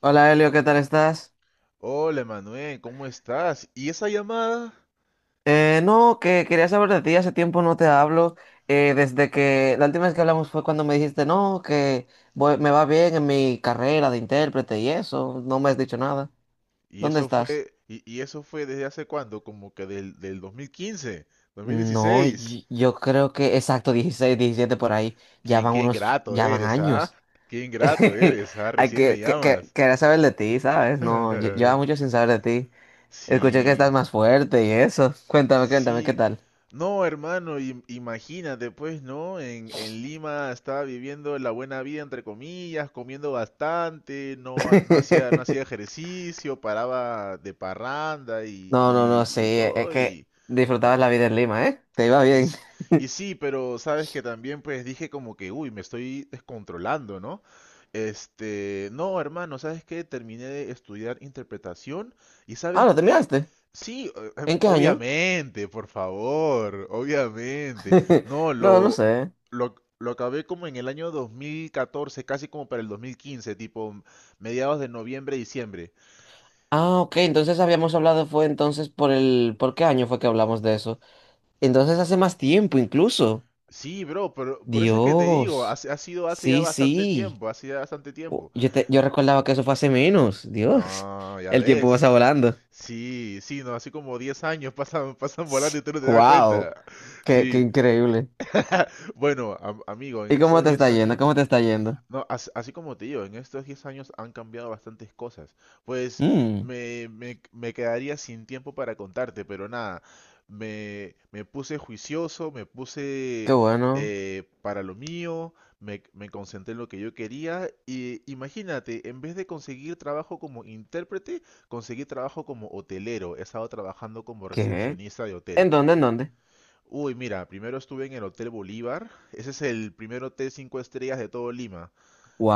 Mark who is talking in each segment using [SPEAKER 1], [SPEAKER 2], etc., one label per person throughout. [SPEAKER 1] Hola Elio, ¿qué tal estás?
[SPEAKER 2] Hola, Manuel, ¿cómo estás? ¿Y esa llamada?
[SPEAKER 1] No, que quería saber de ti, hace tiempo no te hablo, desde que la última vez que hablamos fue cuando me dijiste, no, que me va bien en mi carrera de intérprete y eso, no me has dicho nada.
[SPEAKER 2] ¿Y
[SPEAKER 1] ¿Dónde
[SPEAKER 2] eso
[SPEAKER 1] estás?
[SPEAKER 2] fue, y eso fue desde hace cuándo? Como que del 2015,
[SPEAKER 1] No,
[SPEAKER 2] 2016.
[SPEAKER 1] yo creo que exacto, 16, 17 por ahí,
[SPEAKER 2] Qué, qué ingrato
[SPEAKER 1] ya van
[SPEAKER 2] eres, ¿ah?
[SPEAKER 1] años.
[SPEAKER 2] Qué ingrato eres, ¿ah?
[SPEAKER 1] Hay
[SPEAKER 2] Recién me llamas.
[SPEAKER 1] quería saber de ti, ¿sabes? No, lleva mucho sin saber de ti. Escuché que estás
[SPEAKER 2] Sí.
[SPEAKER 1] más fuerte y eso. Cuéntame, cuéntame, ¿qué
[SPEAKER 2] Sí,
[SPEAKER 1] tal?
[SPEAKER 2] no, hermano, imagínate, pues, ¿no? En Lima estaba viviendo la buena vida, entre comillas, comiendo bastante, no, no hacía, no hacía ejercicio, paraba de parranda y,
[SPEAKER 1] No, no, no,
[SPEAKER 2] y,
[SPEAKER 1] sí,
[SPEAKER 2] y
[SPEAKER 1] es
[SPEAKER 2] todo,
[SPEAKER 1] que
[SPEAKER 2] y,
[SPEAKER 1] disfrutabas
[SPEAKER 2] ¿no?
[SPEAKER 1] la vida en Lima, ¿eh? Te iba
[SPEAKER 2] Y,
[SPEAKER 1] bien.
[SPEAKER 2] s- y sí, pero sabes que también pues dije como que, uy, me estoy descontrolando, ¿no? Este, no, hermano, ¿sabes qué? Terminé de estudiar interpretación y
[SPEAKER 1] Ah,
[SPEAKER 2] ¿sabes
[SPEAKER 1] ¿lo
[SPEAKER 2] qué?
[SPEAKER 1] terminaste?
[SPEAKER 2] Sí,
[SPEAKER 1] ¿En qué año?
[SPEAKER 2] obviamente, por favor, obviamente. No,
[SPEAKER 1] No, no
[SPEAKER 2] lo,
[SPEAKER 1] sé.
[SPEAKER 2] lo, lo acabé como en el año 2014 casi como para el 2015 tipo mediados de noviembre, diciembre.
[SPEAKER 1] Ah, ok, entonces habíamos hablado, fue entonces por el. ¿Por qué año fue que hablamos de eso? Entonces hace más tiempo incluso.
[SPEAKER 2] Sí, bro, pero por eso es que te digo, ha
[SPEAKER 1] Dios.
[SPEAKER 2] sido hace ya
[SPEAKER 1] Sí,
[SPEAKER 2] bastante
[SPEAKER 1] sí.
[SPEAKER 2] tiempo, hace ya bastante
[SPEAKER 1] Oh,
[SPEAKER 2] tiempo.
[SPEAKER 1] yo recordaba que eso fue hace menos. Dios.
[SPEAKER 2] No, ya
[SPEAKER 1] El tiempo pasa
[SPEAKER 2] ves.
[SPEAKER 1] volando.
[SPEAKER 2] Sí, sí, no, así como 10 años pasan, pasan volando y tú no te das
[SPEAKER 1] Wow.
[SPEAKER 2] cuenta.
[SPEAKER 1] Qué
[SPEAKER 2] Sí,
[SPEAKER 1] increíble.
[SPEAKER 2] bueno, amigo, en
[SPEAKER 1] ¿Y cómo
[SPEAKER 2] esos
[SPEAKER 1] te
[SPEAKER 2] 10
[SPEAKER 1] está yendo?
[SPEAKER 2] años
[SPEAKER 1] ¿Cómo te está yendo?
[SPEAKER 2] no, así como te digo, en estos 10 años han cambiado bastantes cosas. Pues
[SPEAKER 1] Mm,
[SPEAKER 2] me quedaría sin tiempo para contarte, pero nada, me puse juicioso, me
[SPEAKER 1] Qué
[SPEAKER 2] puse
[SPEAKER 1] bueno.
[SPEAKER 2] para lo mío, me concentré en lo que yo quería y imagínate, en vez de conseguir trabajo como intérprete, conseguí trabajo como hotelero. He estado trabajando como
[SPEAKER 1] ¿Qué?
[SPEAKER 2] recepcionista de hotel.
[SPEAKER 1] ¿En dónde? ¿En dónde?
[SPEAKER 2] Uy, mira, primero estuve en el Hotel Bolívar, ese es el primer hotel 5 estrellas de todo Lima.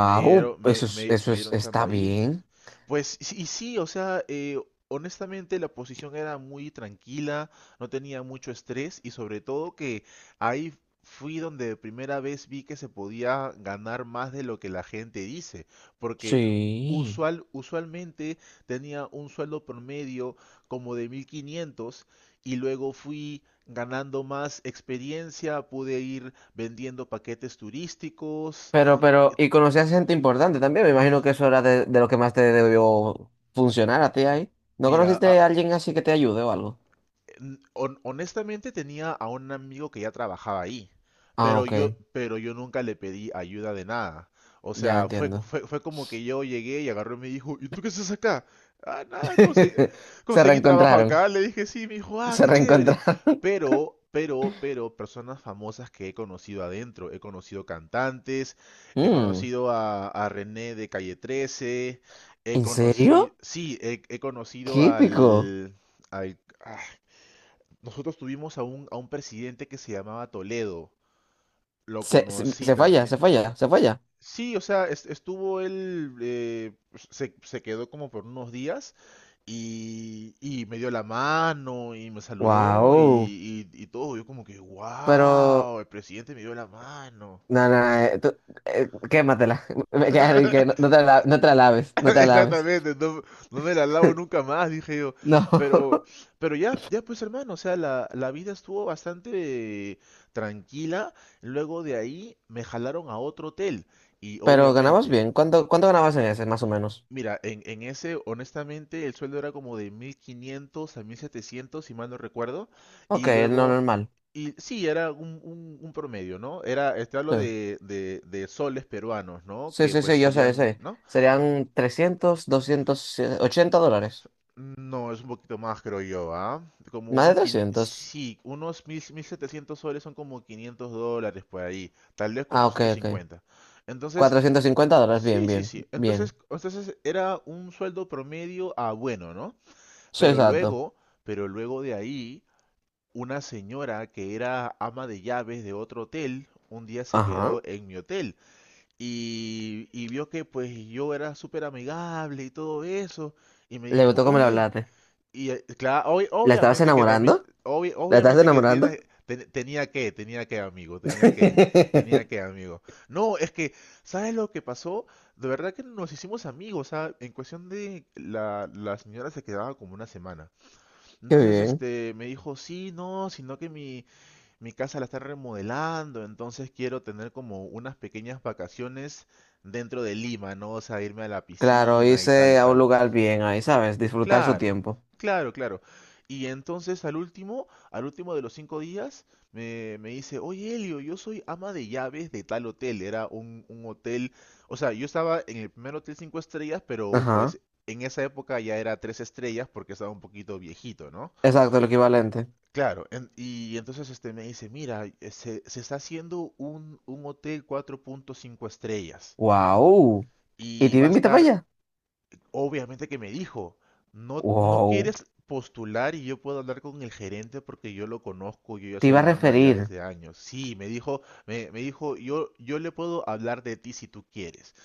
[SPEAKER 2] Me dieron, me dieron
[SPEAKER 1] está
[SPEAKER 2] chamba ahí.
[SPEAKER 1] bien.
[SPEAKER 2] Pues, y sí, o sea, honestamente la posición era muy tranquila, no tenía mucho estrés y sobre todo que ahí fui donde de primera vez vi que se podía ganar más de lo que la gente dice, porque
[SPEAKER 1] Sí.
[SPEAKER 2] usualmente tenía un sueldo promedio como de 1500 y luego fui ganando más experiencia, pude ir vendiendo paquetes turísticos.
[SPEAKER 1] Pero, y conocías gente importante también. Me imagino que eso era de lo que más te debió funcionar a ti ahí. ¿No
[SPEAKER 2] Mira,
[SPEAKER 1] conociste a alguien así que te ayude o algo?
[SPEAKER 2] honestamente tenía a un amigo que ya trabajaba ahí,
[SPEAKER 1] Ah, ok,
[SPEAKER 2] pero yo nunca le pedí ayuda de nada. O
[SPEAKER 1] ya
[SPEAKER 2] sea, fue,
[SPEAKER 1] entiendo.
[SPEAKER 2] fue, fue como que yo llegué y agarró y me dijo, ¿y tú qué haces acá? Ah, nada,
[SPEAKER 1] Se
[SPEAKER 2] conseguí trabajo
[SPEAKER 1] reencontraron,
[SPEAKER 2] acá. Le dije, sí, me dijo, ah,
[SPEAKER 1] se
[SPEAKER 2] qué chévere.
[SPEAKER 1] reencontraron.
[SPEAKER 2] Pero, personas famosas que he conocido adentro. He conocido cantantes, he
[SPEAKER 1] Mm,
[SPEAKER 2] conocido a René de Calle trece, he
[SPEAKER 1] ¿En
[SPEAKER 2] conocido,
[SPEAKER 1] serio?
[SPEAKER 2] sí, he conocido
[SPEAKER 1] Qué épico.
[SPEAKER 2] al, ah, nosotros tuvimos a un presidente que se llamaba Toledo. Lo conocí
[SPEAKER 1] Se falla,
[SPEAKER 2] también.
[SPEAKER 1] se falla, se falla.
[SPEAKER 2] Sí, o sea, estuvo él, pues, se quedó como por unos días y me dio la mano y me saludó y,
[SPEAKER 1] Wow.
[SPEAKER 2] y- y todo. Yo como que,
[SPEAKER 1] Pero.
[SPEAKER 2] wow, el presidente me dio la mano.
[SPEAKER 1] No, no, tú, quématela. Me queda que no, no te la laves, no te la laves.
[SPEAKER 2] Exactamente, no, no me la lavo nunca más, dije yo.
[SPEAKER 1] No.
[SPEAKER 2] Pero, pero ya, pues hermano, o sea, la vida estuvo bastante tranquila. Luego de ahí me jalaron a otro hotel. Y
[SPEAKER 1] Pero ganabas
[SPEAKER 2] obviamente,
[SPEAKER 1] bien. ¿Cuánto ganabas en ese, más o menos?
[SPEAKER 2] mira, en ese, honestamente, el sueldo era como de 1500 a 1700 si mal no recuerdo. Y
[SPEAKER 1] Ok, no
[SPEAKER 2] luego,
[SPEAKER 1] normal.
[SPEAKER 2] y sí, era un, un promedio, ¿no? Era, te hablo
[SPEAKER 1] Sí,
[SPEAKER 2] de soles peruanos, ¿no?
[SPEAKER 1] sí,
[SPEAKER 2] Que
[SPEAKER 1] sí,
[SPEAKER 2] pues
[SPEAKER 1] sí, yo sé,
[SPEAKER 2] serían,
[SPEAKER 1] sé.
[SPEAKER 2] ¿no?
[SPEAKER 1] Serían 300, 200 $80.
[SPEAKER 2] No, es un poquito más, creo yo, ¿ah? Como
[SPEAKER 1] Más de
[SPEAKER 2] unos,
[SPEAKER 1] 300.
[SPEAKER 2] sí, unos mil, 1700 soles son como 500 dólares por ahí, tal vez
[SPEAKER 1] Ah, ok,
[SPEAKER 2] cuatrocientos
[SPEAKER 1] ok.
[SPEAKER 2] cincuenta. Entonces,
[SPEAKER 1] $450, bien,
[SPEAKER 2] sí, sí,
[SPEAKER 1] bien,
[SPEAKER 2] sí.
[SPEAKER 1] bien.
[SPEAKER 2] Entonces, entonces era un sueldo promedio a bueno, ¿no?
[SPEAKER 1] Sí,
[SPEAKER 2] Pero
[SPEAKER 1] exacto.
[SPEAKER 2] luego, pero luego de ahí, una señora que era ama de llaves de otro hotel, un día se
[SPEAKER 1] Ajá.
[SPEAKER 2] quedó en mi hotel y vio que pues yo era súper amigable y todo eso, y me
[SPEAKER 1] Le
[SPEAKER 2] dijo,
[SPEAKER 1] gustó cómo le
[SPEAKER 2] oye,
[SPEAKER 1] hablaste.
[SPEAKER 2] y claro,
[SPEAKER 1] ¿La estabas
[SPEAKER 2] obviamente que también,
[SPEAKER 1] enamorando? ¿La estabas
[SPEAKER 2] obviamente que
[SPEAKER 1] enamorando?
[SPEAKER 2] tiene, tenía que, amigo, tenía
[SPEAKER 1] Qué
[SPEAKER 2] que, amigo. No, es que, ¿sabes lo que pasó? De verdad que nos hicimos amigos, ¿sabes? En cuestión de la, la señora se quedaba como una semana. Entonces,
[SPEAKER 1] bien.
[SPEAKER 2] este, me dijo, sí, no, sino que mi casa la está remodelando, entonces quiero tener como unas pequeñas vacaciones dentro de Lima, ¿no? O sea, irme a la
[SPEAKER 1] Claro,
[SPEAKER 2] piscina y tal y
[SPEAKER 1] irse a un
[SPEAKER 2] tal.
[SPEAKER 1] lugar bien ahí, ¿sabes? Disfrutar su
[SPEAKER 2] Claro,
[SPEAKER 1] tiempo.
[SPEAKER 2] claro, claro. Y entonces al último de los cinco días, me dice, oye Elio, yo soy ama de llaves de tal hotel. Era un hotel, o sea, yo estaba en el primer hotel cinco estrellas, pero
[SPEAKER 1] Ajá,
[SPEAKER 2] pues en esa época ya era tres estrellas porque estaba un poquito viejito, ¿no?
[SPEAKER 1] exacto, lo equivalente.
[SPEAKER 2] Claro, y entonces este me dice, mira, se está haciendo un hotel cuatro punto cinco estrellas
[SPEAKER 1] ¡Wow! ¿Y
[SPEAKER 2] y
[SPEAKER 1] te iba a
[SPEAKER 2] va a
[SPEAKER 1] invitar para
[SPEAKER 2] estar...
[SPEAKER 1] allá?
[SPEAKER 2] Obviamente que me dijo, no, no
[SPEAKER 1] ¡Wow!
[SPEAKER 2] quieres postular y yo puedo hablar con el gerente porque yo lo conozco, yo ya
[SPEAKER 1] Te
[SPEAKER 2] soy
[SPEAKER 1] iba a
[SPEAKER 2] la ama de llaves
[SPEAKER 1] referir.
[SPEAKER 2] de años. Sí, me dijo, me dijo, yo le puedo hablar de ti si tú quieres.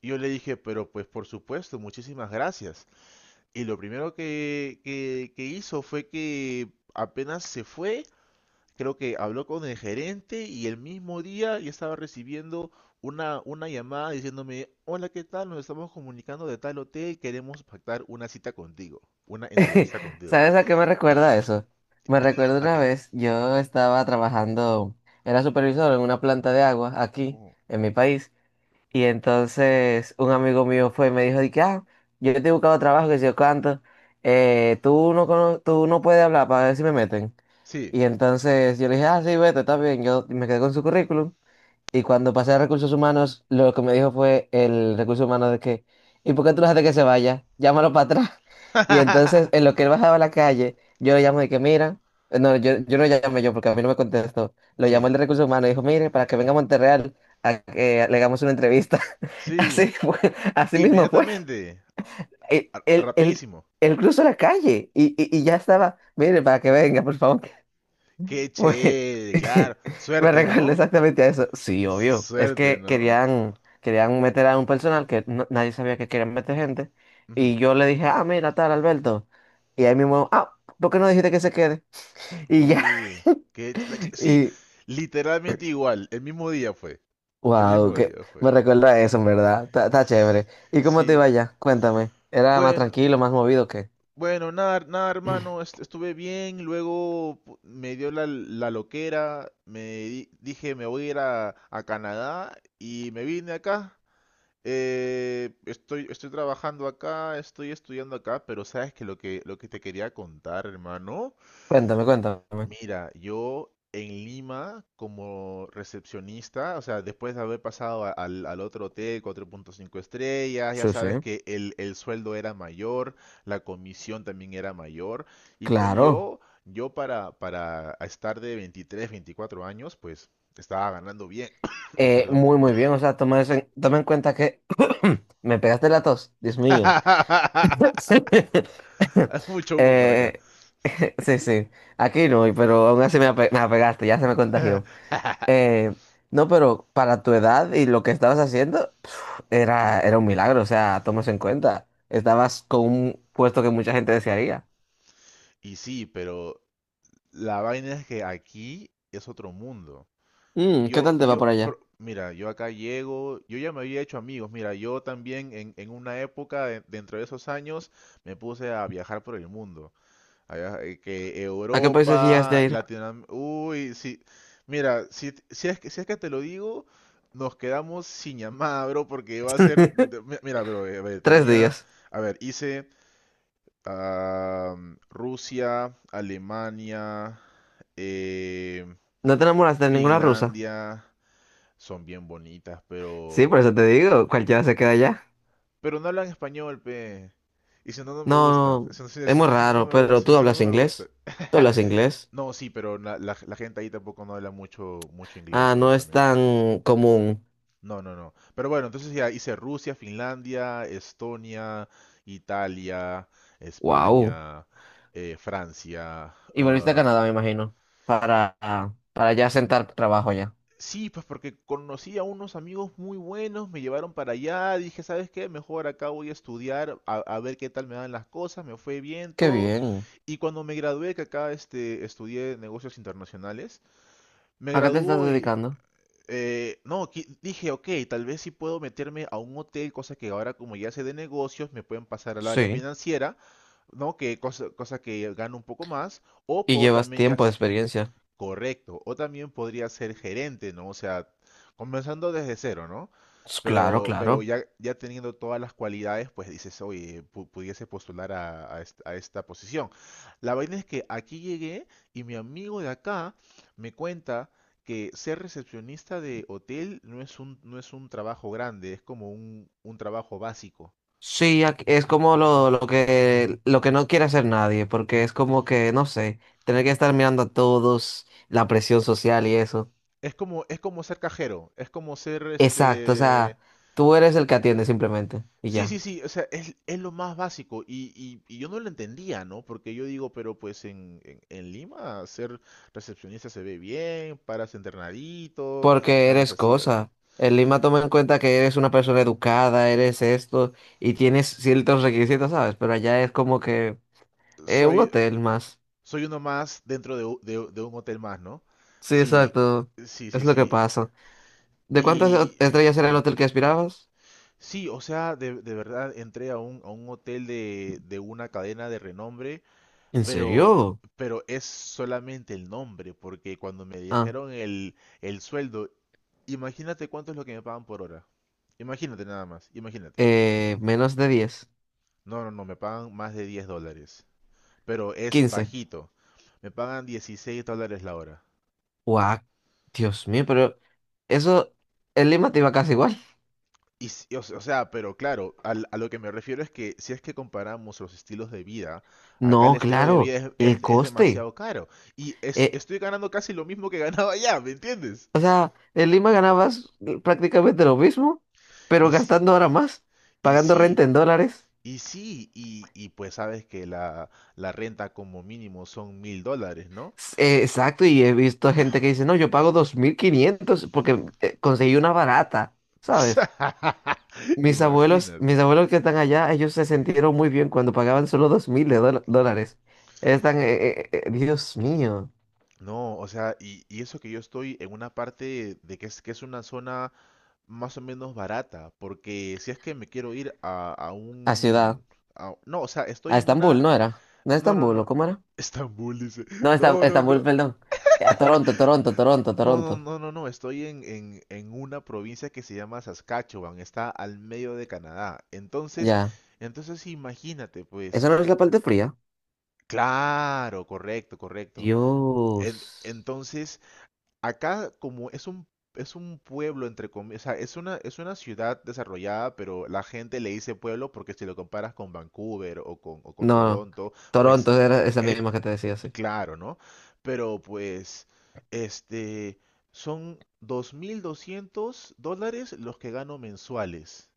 [SPEAKER 2] Y yo le dije, pero pues por supuesto, muchísimas gracias. Y lo primero que hizo fue que apenas se fue, creo que habló con el gerente y el mismo día yo estaba recibiendo una llamada diciéndome, hola, ¿qué tal? Nos estamos comunicando de tal hotel, queremos pactar una cita contigo, una entrevista contigo.
[SPEAKER 1] ¿Sabes a qué me recuerda eso? Me recuerda
[SPEAKER 2] ¿A
[SPEAKER 1] una
[SPEAKER 2] qué?
[SPEAKER 1] vez, yo estaba trabajando, era supervisor en una planta de agua aquí,
[SPEAKER 2] Ujú.
[SPEAKER 1] en mi país, y entonces un amigo mío fue y me dijo, de que, ah, yo te he buscado trabajo, que si yo canto, tú no puedes hablar para ver si me meten.
[SPEAKER 2] Sí,
[SPEAKER 1] Y entonces yo le dije, ah, sí, vete, está bien. Yo me quedé con su currículum. Y cuando pasé a recursos humanos, lo que me dijo fue el recurso humano de que, ¿y por qué tú lo dejaste que se vaya? Llámalo para atrás. Y entonces, en lo que él bajaba a la calle, yo le llamo de que, mira, no, yo no llamé yo porque a mí no me contestó. Lo llamó
[SPEAKER 2] sí,
[SPEAKER 1] el de recursos humanos y dijo, mire, para que venga a Monterreal a que le hagamos una entrevista. Así
[SPEAKER 2] sí,
[SPEAKER 1] fue, así mismo fue.
[SPEAKER 2] inmediatamente,
[SPEAKER 1] Él, él, él,
[SPEAKER 2] rapidísimo.
[SPEAKER 1] él cruzó la calle y ya estaba, mire, para que venga, por favor.
[SPEAKER 2] Qué
[SPEAKER 1] Güey,
[SPEAKER 2] chévere, claro,
[SPEAKER 1] me
[SPEAKER 2] suerte,
[SPEAKER 1] recuerdo
[SPEAKER 2] ¿no?
[SPEAKER 1] exactamente a eso. Sí, obvio. Es
[SPEAKER 2] Suerte,
[SPEAKER 1] que
[SPEAKER 2] ¿no?
[SPEAKER 1] querían, querían meter a un personal que nadie sabía que querían meter gente.
[SPEAKER 2] Ujú.
[SPEAKER 1] Y yo le dije, ah, mira, tal, Alberto. Y ahí mismo, ah, ¿por qué no dijiste que se quede? Y ya.
[SPEAKER 2] Uy, qué, sí,
[SPEAKER 1] Y,
[SPEAKER 2] literalmente igual, el mismo día fue, el
[SPEAKER 1] wow,
[SPEAKER 2] mismo
[SPEAKER 1] que
[SPEAKER 2] día fue.
[SPEAKER 1] me recuerda a eso, en verdad. Está chévere. ¿Y cómo te
[SPEAKER 2] Sí.
[SPEAKER 1] iba allá? Cuéntame. ¿Era más
[SPEAKER 2] Bueno,
[SPEAKER 1] tranquilo, más movido que?
[SPEAKER 2] bueno, nada, nada, hermano, estuve bien, luego me dio la, la loquera, dije me voy a ir a Canadá y me vine acá. Estoy, estoy trabajando acá, estoy estudiando acá, pero sabes que lo que, lo que te quería contar, hermano...
[SPEAKER 1] Cuéntame, cuéntame.
[SPEAKER 2] Mira, yo en Lima como recepcionista, o sea, después de haber pasado al otro hotel, 4.5 estrellas, ya
[SPEAKER 1] Sí, sí.
[SPEAKER 2] sabes que el sueldo era mayor, la comisión también era mayor, y pues
[SPEAKER 1] Claro.
[SPEAKER 2] yo para estar de 23, 24 años, pues estaba ganando bien. Perdón.
[SPEAKER 1] Muy, muy bien. O sea, toma eso en, toma en cuenta que me pegaste la tos, Dios mío.
[SPEAKER 2] Mucho humo por acá.
[SPEAKER 1] Eh, sí, sí. Aquí no, pero aún así me apegaste, ya se me contagió. Eh, no, pero para tu edad y lo que estabas haciendo, pf, era un milagro. O sea, toma eso en cuenta. Estabas con un puesto que mucha gente desearía.
[SPEAKER 2] Y sí, pero la vaina es que aquí es otro mundo.
[SPEAKER 1] ¿Qué
[SPEAKER 2] Yo,
[SPEAKER 1] tal te va
[SPEAKER 2] yo,
[SPEAKER 1] por allá?
[SPEAKER 2] pero, mira, yo acá llego, yo ya me había hecho amigos, mira, yo también en una época, dentro de esos años, me puse a viajar por el mundo, que
[SPEAKER 1] ¿A qué países llegaste
[SPEAKER 2] Europa,
[SPEAKER 1] a ir?
[SPEAKER 2] Latinoamérica, uy, sí, mira, si es que, si es que te lo digo, nos quedamos sin llamada, bro, porque va a ser, mira, bro, a ver,
[SPEAKER 1] Tres
[SPEAKER 2] tenía,
[SPEAKER 1] días.
[SPEAKER 2] a ver, hice ah, Rusia, Alemania, eh,
[SPEAKER 1] ¿No te enamoraste de ninguna rusa?
[SPEAKER 2] Finlandia. Son bien bonitas,
[SPEAKER 1] Sí, por
[SPEAKER 2] pero...
[SPEAKER 1] eso te digo, cualquiera se queda allá.
[SPEAKER 2] Pero no hablan español, pe. Y si no, no me gusta.
[SPEAKER 1] No,
[SPEAKER 2] Eso no,
[SPEAKER 1] es
[SPEAKER 2] si
[SPEAKER 1] muy
[SPEAKER 2] no, si no, no
[SPEAKER 1] raro,
[SPEAKER 2] me
[SPEAKER 1] pero
[SPEAKER 2] gusta.
[SPEAKER 1] tú
[SPEAKER 2] Si no,
[SPEAKER 1] hablas
[SPEAKER 2] no me gusta.
[SPEAKER 1] inglés. Tú hablas inglés.
[SPEAKER 2] No, sí, pero la, la gente ahí tampoco no habla mucho, mucho inglés,
[SPEAKER 1] Ah, no es
[SPEAKER 2] honestamente.
[SPEAKER 1] tan común.
[SPEAKER 2] No, no, no. Pero bueno, entonces ya hice Rusia, Finlandia, Estonia, Italia,
[SPEAKER 1] Wow.
[SPEAKER 2] España, Francia,
[SPEAKER 1] Y volviste a
[SPEAKER 2] ah...
[SPEAKER 1] Canadá, me imagino, para ya sentar trabajo ya.
[SPEAKER 2] Sí, pues porque conocí a unos amigos muy buenos, me llevaron para allá, dije, ¿sabes qué? Mejor acá voy a estudiar, a ver qué tal me dan las cosas, me fue bien
[SPEAKER 1] Qué
[SPEAKER 2] todo.
[SPEAKER 1] bien.
[SPEAKER 2] Y cuando me gradué, que acá este, estudié negocios internacionales, me
[SPEAKER 1] ¿A qué te estás
[SPEAKER 2] graduó y,
[SPEAKER 1] dedicando?
[SPEAKER 2] no, dije, ok, tal vez sí puedo meterme a un hotel, cosa que ahora como ya sé de negocios, me pueden pasar al área
[SPEAKER 1] Sí.
[SPEAKER 2] financiera, ¿no? Que cosa, cosa que gano un poco más, o
[SPEAKER 1] Y
[SPEAKER 2] puedo
[SPEAKER 1] llevas
[SPEAKER 2] también ya...
[SPEAKER 1] tiempo de experiencia.
[SPEAKER 2] Correcto. O también podría ser gerente, ¿no? O sea, comenzando desde cero, ¿no?
[SPEAKER 1] Claro,
[SPEAKER 2] Pero, pero
[SPEAKER 1] claro.
[SPEAKER 2] ya, ya teniendo todas las cualidades, pues dices, oye, pudiese postular a, a esta posición. La vaina es que aquí llegué y mi amigo de acá me cuenta que ser recepcionista de hotel no es un, no es un trabajo grande, es como un trabajo básico.
[SPEAKER 1] Sí, es como lo que no quiere hacer nadie, porque es como que, no sé, tener que estar mirando a todos, la presión social y eso.
[SPEAKER 2] Es como ser cajero, es como ser
[SPEAKER 1] Exacto, o
[SPEAKER 2] este...
[SPEAKER 1] sea, tú eres el que atiende simplemente y
[SPEAKER 2] Sí,
[SPEAKER 1] ya.
[SPEAKER 2] sí, sí, o sea, es lo más básico y yo no lo entendía, ¿no? Porque yo digo, pero pues en Lima ser recepcionista se ve bien, paras entrenadito,
[SPEAKER 1] Porque
[SPEAKER 2] ganas
[SPEAKER 1] eres
[SPEAKER 2] así, así.
[SPEAKER 1] cosa. El Lima toma en cuenta que eres una persona educada, eres esto, y tienes ciertos requisitos, ¿sabes? Pero allá es como que un
[SPEAKER 2] Soy,
[SPEAKER 1] hotel más.
[SPEAKER 2] soy uno más dentro de, de un hotel más, ¿no?
[SPEAKER 1] Sí,
[SPEAKER 2] Sí,
[SPEAKER 1] exacto.
[SPEAKER 2] sí,
[SPEAKER 1] Es
[SPEAKER 2] sí,
[SPEAKER 1] lo que
[SPEAKER 2] sí.
[SPEAKER 1] pasa. ¿De cuántas
[SPEAKER 2] Y
[SPEAKER 1] estrellas era el
[SPEAKER 2] dime,
[SPEAKER 1] hotel que aspirabas?
[SPEAKER 2] sí, o sea, de verdad entré a un hotel de una cadena de renombre.
[SPEAKER 1] ¿En
[SPEAKER 2] Pero,
[SPEAKER 1] serio?
[SPEAKER 2] pero es solamente el nombre, porque cuando me
[SPEAKER 1] Ah,
[SPEAKER 2] dijeron el sueldo, imagínate cuánto es lo que me pagan por hora. Imagínate nada más, imagínate.
[SPEAKER 1] menos de 10,
[SPEAKER 2] No, no, no, me pagan más de 10 dólares, pero es
[SPEAKER 1] 15.
[SPEAKER 2] bajito. Me pagan 16 dólares la hora.
[SPEAKER 1] Guau, Dios mío, pero eso, el Lima te iba casi igual.
[SPEAKER 2] Y, o sea, pero claro, a lo que me refiero es que si es que comparamos los estilos de vida, acá el
[SPEAKER 1] No,
[SPEAKER 2] estilo de
[SPEAKER 1] claro,
[SPEAKER 2] vida es,
[SPEAKER 1] el
[SPEAKER 2] es
[SPEAKER 1] coste.
[SPEAKER 2] demasiado caro. Y
[SPEAKER 1] Eh,
[SPEAKER 2] estoy ganando casi lo mismo que ganaba allá, ¿me entiendes?
[SPEAKER 1] O sea, en Lima ganabas prácticamente lo mismo, pero
[SPEAKER 2] Y sí,
[SPEAKER 1] gastando ahora más,
[SPEAKER 2] y
[SPEAKER 1] pagando
[SPEAKER 2] sí,
[SPEAKER 1] renta en dólares.
[SPEAKER 2] y sí, y pues sabes que la renta como mínimo son $1000, ¿no?
[SPEAKER 1] Exacto, y he visto gente que dice, no, yo pago 2.500 porque conseguí una barata, ¿sabes?
[SPEAKER 2] Imagínate.
[SPEAKER 1] Mis abuelos que están allá, ellos se
[SPEAKER 2] Sí.
[SPEAKER 1] sintieron muy bien cuando pagaban solo 2.000 de dólares. Están, Dios mío,
[SPEAKER 2] No, o sea, y eso que yo estoy en una parte de que es, una zona más o menos barata, porque si es que me quiero ir a
[SPEAKER 1] a ciudad,
[SPEAKER 2] un... No, o sea,
[SPEAKER 1] a
[SPEAKER 2] estoy en
[SPEAKER 1] Estambul,
[SPEAKER 2] una...
[SPEAKER 1] ¿no era? ¿No
[SPEAKER 2] No, no,
[SPEAKER 1] Estambul o
[SPEAKER 2] no.
[SPEAKER 1] cómo era?
[SPEAKER 2] Estambul, dice.
[SPEAKER 1] No,
[SPEAKER 2] No, no,
[SPEAKER 1] Estambul,
[SPEAKER 2] no.
[SPEAKER 1] perdón. A Toronto, Toronto, Toronto,
[SPEAKER 2] No,
[SPEAKER 1] Toronto.
[SPEAKER 2] no, no, no, no. Estoy en una provincia que se llama Saskatchewan. Está al medio de Canadá. Entonces,
[SPEAKER 1] Ya,
[SPEAKER 2] entonces imagínate, pues.
[SPEAKER 1] esa no es la parte fría.
[SPEAKER 2] Claro, correcto, correcto.
[SPEAKER 1] Dios.
[SPEAKER 2] Entonces, acá como es un pueblo entre comillas, o sea, es una ciudad desarrollada, pero la gente le dice pueblo porque si lo comparas con Vancouver o con
[SPEAKER 1] No,
[SPEAKER 2] Toronto, pues
[SPEAKER 1] Toronto era esa
[SPEAKER 2] eh,
[SPEAKER 1] misma que te decía, sí.
[SPEAKER 2] claro, ¿no? Pero pues, este, son $2200 los que gano mensuales.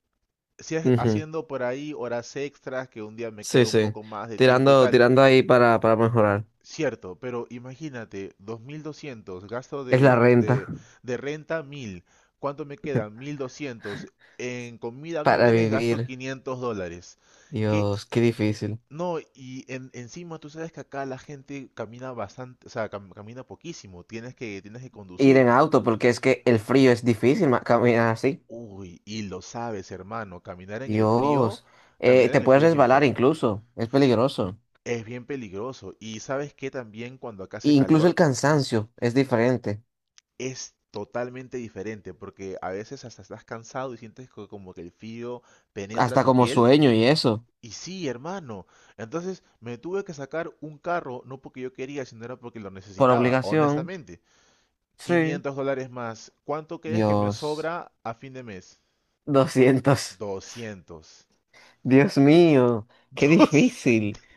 [SPEAKER 2] Si
[SPEAKER 1] Ujú.
[SPEAKER 2] haciendo por ahí horas extras, que un día me
[SPEAKER 1] Sí,
[SPEAKER 2] queda un
[SPEAKER 1] sí.
[SPEAKER 2] poco más de tiempo y
[SPEAKER 1] Tirando,
[SPEAKER 2] tal.
[SPEAKER 1] tirando ahí para mejorar.
[SPEAKER 2] Cierto, pero imagínate, 2200, gasto
[SPEAKER 1] Es la renta
[SPEAKER 2] de renta 1000. ¿Cuánto me queda? 1200. En comida,
[SPEAKER 1] para
[SPEAKER 2] víveres, gasto
[SPEAKER 1] vivir.
[SPEAKER 2] $500. ¿Qué?
[SPEAKER 1] Dios, qué difícil.
[SPEAKER 2] No, y encima tú sabes que acá la gente camina bastante, o sea, camina poquísimo, tienes que
[SPEAKER 1] Ir
[SPEAKER 2] conducir.
[SPEAKER 1] en auto, porque es que el frío es difícil caminar así.
[SPEAKER 2] Uy, y lo sabes, hermano, caminar en el frío,
[SPEAKER 1] Dios.
[SPEAKER 2] caminar
[SPEAKER 1] Te
[SPEAKER 2] en el
[SPEAKER 1] puedes
[SPEAKER 2] frío es bien
[SPEAKER 1] resbalar
[SPEAKER 2] feo.
[SPEAKER 1] incluso. Es peligroso.
[SPEAKER 2] Es bien peligroso. Y sabes que también cuando acá
[SPEAKER 1] E
[SPEAKER 2] hace
[SPEAKER 1] incluso el
[SPEAKER 2] calor
[SPEAKER 1] cansancio es diferente.
[SPEAKER 2] es totalmente diferente, porque a veces hasta estás cansado y sientes como que el frío penetra
[SPEAKER 1] Hasta
[SPEAKER 2] tu
[SPEAKER 1] como
[SPEAKER 2] piel.
[SPEAKER 1] sueño y eso.
[SPEAKER 2] Y sí, hermano. Entonces me tuve que sacar un carro, no porque yo quería, sino era porque lo
[SPEAKER 1] Por
[SPEAKER 2] necesitaba,
[SPEAKER 1] obligación.
[SPEAKER 2] honestamente.
[SPEAKER 1] Sí.
[SPEAKER 2] $500 más. ¿Cuánto crees que me
[SPEAKER 1] Dios.
[SPEAKER 2] sobra a fin de mes?
[SPEAKER 1] 200.
[SPEAKER 2] 200.
[SPEAKER 1] Dios mío, qué
[SPEAKER 2] Dos-
[SPEAKER 1] difícil.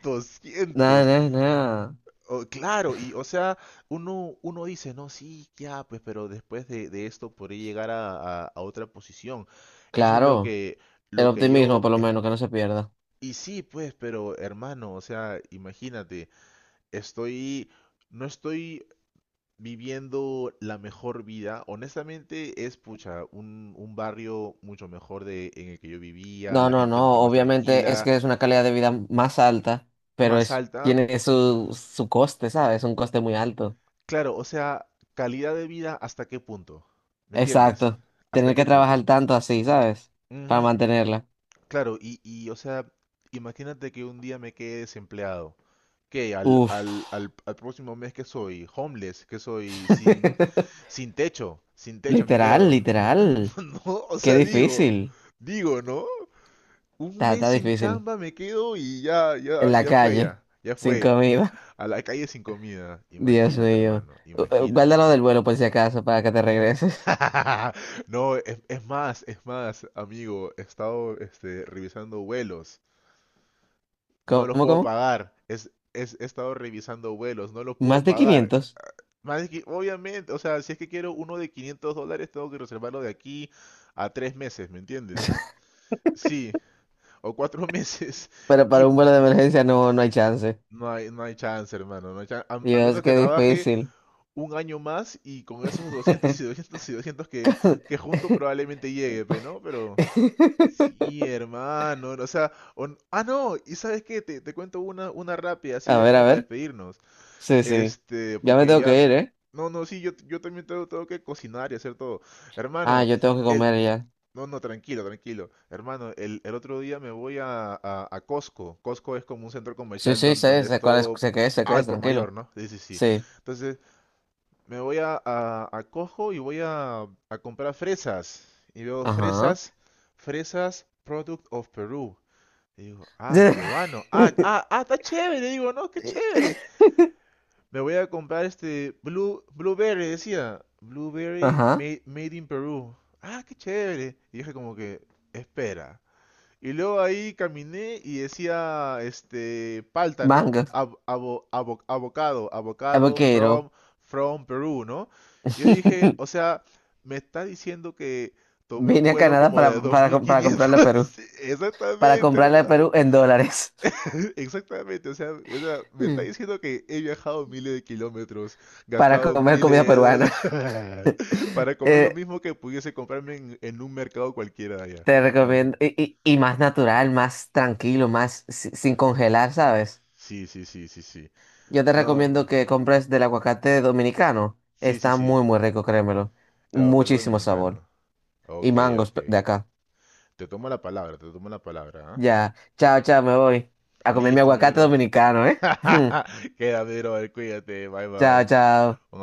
[SPEAKER 1] Nada,
[SPEAKER 2] 200.
[SPEAKER 1] nada, nada.
[SPEAKER 2] Oh, claro, y o sea, uno dice, no, sí, ya, pues, pero después de esto podría llegar a, a otra posición. Eso es lo
[SPEAKER 1] Claro,
[SPEAKER 2] que,
[SPEAKER 1] el
[SPEAKER 2] lo que
[SPEAKER 1] optimismo
[SPEAKER 2] yo...
[SPEAKER 1] por lo menos, que no se pierda.
[SPEAKER 2] Y sí, pues, pero hermano, o sea, imagínate, estoy, no estoy viviendo la mejor vida. Honestamente, es pucha, un barrio mucho mejor de, en el que yo vivía,
[SPEAKER 1] No,
[SPEAKER 2] la
[SPEAKER 1] no,
[SPEAKER 2] gente mucho
[SPEAKER 1] no,
[SPEAKER 2] más
[SPEAKER 1] obviamente es
[SPEAKER 2] tranquila,
[SPEAKER 1] que es una calidad de vida más alta, pero
[SPEAKER 2] más alta.
[SPEAKER 1] tiene su coste, ¿sabes? Un coste muy alto.
[SPEAKER 2] Claro, o sea, calidad de vida hasta qué punto, ¿me entiendes?
[SPEAKER 1] Exacto.
[SPEAKER 2] ¿Hasta
[SPEAKER 1] Tener
[SPEAKER 2] qué
[SPEAKER 1] que
[SPEAKER 2] punto?
[SPEAKER 1] trabajar tanto así, ¿sabes? Para
[SPEAKER 2] Ujú.
[SPEAKER 1] mantenerla.
[SPEAKER 2] Claro, y, o sea, imagínate que un día me quede desempleado, que Al,
[SPEAKER 1] Uf.
[SPEAKER 2] al, al, al próximo mes que soy homeless, que soy sin... Sin techo, sin techo me
[SPEAKER 1] Literal,
[SPEAKER 2] quedo.
[SPEAKER 1] literal.
[SPEAKER 2] No, o
[SPEAKER 1] Qué
[SPEAKER 2] sea, digo,
[SPEAKER 1] difícil.
[SPEAKER 2] digo, ¿no? Un
[SPEAKER 1] Está,
[SPEAKER 2] mes
[SPEAKER 1] está
[SPEAKER 2] sin
[SPEAKER 1] difícil.
[SPEAKER 2] chamba me quedo y ya, ya,
[SPEAKER 1] En la
[SPEAKER 2] ya fue,
[SPEAKER 1] calle,
[SPEAKER 2] ya ya
[SPEAKER 1] sin
[SPEAKER 2] fue.
[SPEAKER 1] comida.
[SPEAKER 2] A la calle sin comida.
[SPEAKER 1] Dios
[SPEAKER 2] Imagínate,
[SPEAKER 1] mío.
[SPEAKER 2] hermano,
[SPEAKER 1] Guárdalo
[SPEAKER 2] imagínate.
[SPEAKER 1] del vuelo por si acaso, para que te regreses.
[SPEAKER 2] No, es más, amigo, he estado revisando vuelos. No
[SPEAKER 1] ¿Cómo,
[SPEAKER 2] los puedo
[SPEAKER 1] cómo?
[SPEAKER 2] pagar. Es- he estado revisando vuelos, no los puedo
[SPEAKER 1] Más de
[SPEAKER 2] pagar.
[SPEAKER 1] 500.
[SPEAKER 2] Más es que, obviamente, o sea, si es que quiero uno de $500, tengo que reservarlo de aquí a 3 meses, ¿me entiendes? Sí, o 4 meses
[SPEAKER 1] Pero
[SPEAKER 2] y
[SPEAKER 1] para un vuelo de emergencia no hay chance.
[SPEAKER 2] no hay, chance, hermano. No hay a
[SPEAKER 1] Dios,
[SPEAKER 2] menos que
[SPEAKER 1] qué
[SPEAKER 2] trabaje
[SPEAKER 1] difícil.
[SPEAKER 2] un año más y con esos 200 y 200 y 200 que junto probablemente llegue, pe, ¿no? Pero sí, hermano. O sea, no, y sabes qué, te cuento una rápida, así
[SPEAKER 1] A
[SPEAKER 2] ya
[SPEAKER 1] ver, a
[SPEAKER 2] como para
[SPEAKER 1] ver.
[SPEAKER 2] despedirnos.
[SPEAKER 1] Sí, sí.
[SPEAKER 2] Este,
[SPEAKER 1] Ya me
[SPEAKER 2] porque
[SPEAKER 1] tengo
[SPEAKER 2] ya...
[SPEAKER 1] que ir, ¿eh?
[SPEAKER 2] No, no, sí, yo, también tengo que cocinar y hacer todo.
[SPEAKER 1] Ah,
[SPEAKER 2] Hermano,
[SPEAKER 1] yo tengo que
[SPEAKER 2] el...
[SPEAKER 1] comer ya.
[SPEAKER 2] No, no, tranquilo, tranquilo. Hermano, el otro día me voy a Costco. Costco es como un centro
[SPEAKER 1] Sí,
[SPEAKER 2] comercial
[SPEAKER 1] sí, sé,
[SPEAKER 2] donde
[SPEAKER 1] sé cuál es,
[SPEAKER 2] esto...
[SPEAKER 1] sé qué es, sé qué
[SPEAKER 2] al
[SPEAKER 1] es,
[SPEAKER 2] por
[SPEAKER 1] tranquilo.
[SPEAKER 2] mayor, ¿no? Sí, sí, sí.
[SPEAKER 1] Sí.
[SPEAKER 2] Entonces, me voy a, Costco y voy a comprar fresas. Y veo
[SPEAKER 1] Ajá.
[SPEAKER 2] fresas, fresas, product of Peru. Y digo, ah, peruano. Ah, ah, ah, está chévere. Digo, no, qué chévere. Le voy a comprar este Blueberry, decía. Blueberry
[SPEAKER 1] Ajá.
[SPEAKER 2] made in Peru. Ah, qué chévere. Y dije como que, espera. Y luego ahí caminé y decía, palta, ¿no?
[SPEAKER 1] Mango.
[SPEAKER 2] Avocado,
[SPEAKER 1] Avocado.
[SPEAKER 2] from Perú, ¿no? Yo dije, o sea, me está diciendo que tomé un
[SPEAKER 1] Vine a
[SPEAKER 2] vuelo
[SPEAKER 1] Canadá
[SPEAKER 2] como
[SPEAKER 1] para,
[SPEAKER 2] de
[SPEAKER 1] para, com- para
[SPEAKER 2] 2.500.
[SPEAKER 1] comprarle a Perú. Para
[SPEAKER 2] Exactamente,
[SPEAKER 1] comprarle a
[SPEAKER 2] hermano.
[SPEAKER 1] Perú en dólares.
[SPEAKER 2] Exactamente, o sea, me está
[SPEAKER 1] Mm.
[SPEAKER 2] diciendo que he viajado miles de kilómetros,
[SPEAKER 1] Para
[SPEAKER 2] gastado
[SPEAKER 1] comer
[SPEAKER 2] miles
[SPEAKER 1] comida
[SPEAKER 2] de dólares
[SPEAKER 1] peruana.
[SPEAKER 2] para comer lo
[SPEAKER 1] Eh,
[SPEAKER 2] mismo que pudiese comprarme en un mercado cualquiera de allá.
[SPEAKER 1] Te recomiendo,
[SPEAKER 2] Imagínate.
[SPEAKER 1] y más natural, más tranquilo, más sin congelar, ¿sabes?
[SPEAKER 2] Sí, sí, sí, sí, sí.
[SPEAKER 1] Yo te
[SPEAKER 2] No,
[SPEAKER 1] recomiendo
[SPEAKER 2] hermano.
[SPEAKER 1] que compres del aguacate dominicano.
[SPEAKER 2] Sí, sí,
[SPEAKER 1] Está
[SPEAKER 2] sí.
[SPEAKER 1] muy, muy rico, créemelo.
[SPEAKER 2] El aguacate
[SPEAKER 1] Muchísimo
[SPEAKER 2] dominicano.
[SPEAKER 1] sabor. Y
[SPEAKER 2] Ok,
[SPEAKER 1] mangos
[SPEAKER 2] ok.
[SPEAKER 1] de acá.
[SPEAKER 2] Te tomo la palabra, te tomo la palabra, ¿ah?
[SPEAKER 1] Ya, chao, chao, me voy a comer mi
[SPEAKER 2] Listo, mi
[SPEAKER 1] aguacate
[SPEAKER 2] bro.
[SPEAKER 1] dominicano, ¿eh?
[SPEAKER 2] Queda, mi bro, cuídate, bye
[SPEAKER 1] Chao,
[SPEAKER 2] bye.
[SPEAKER 1] chao.
[SPEAKER 2] Un abrazo.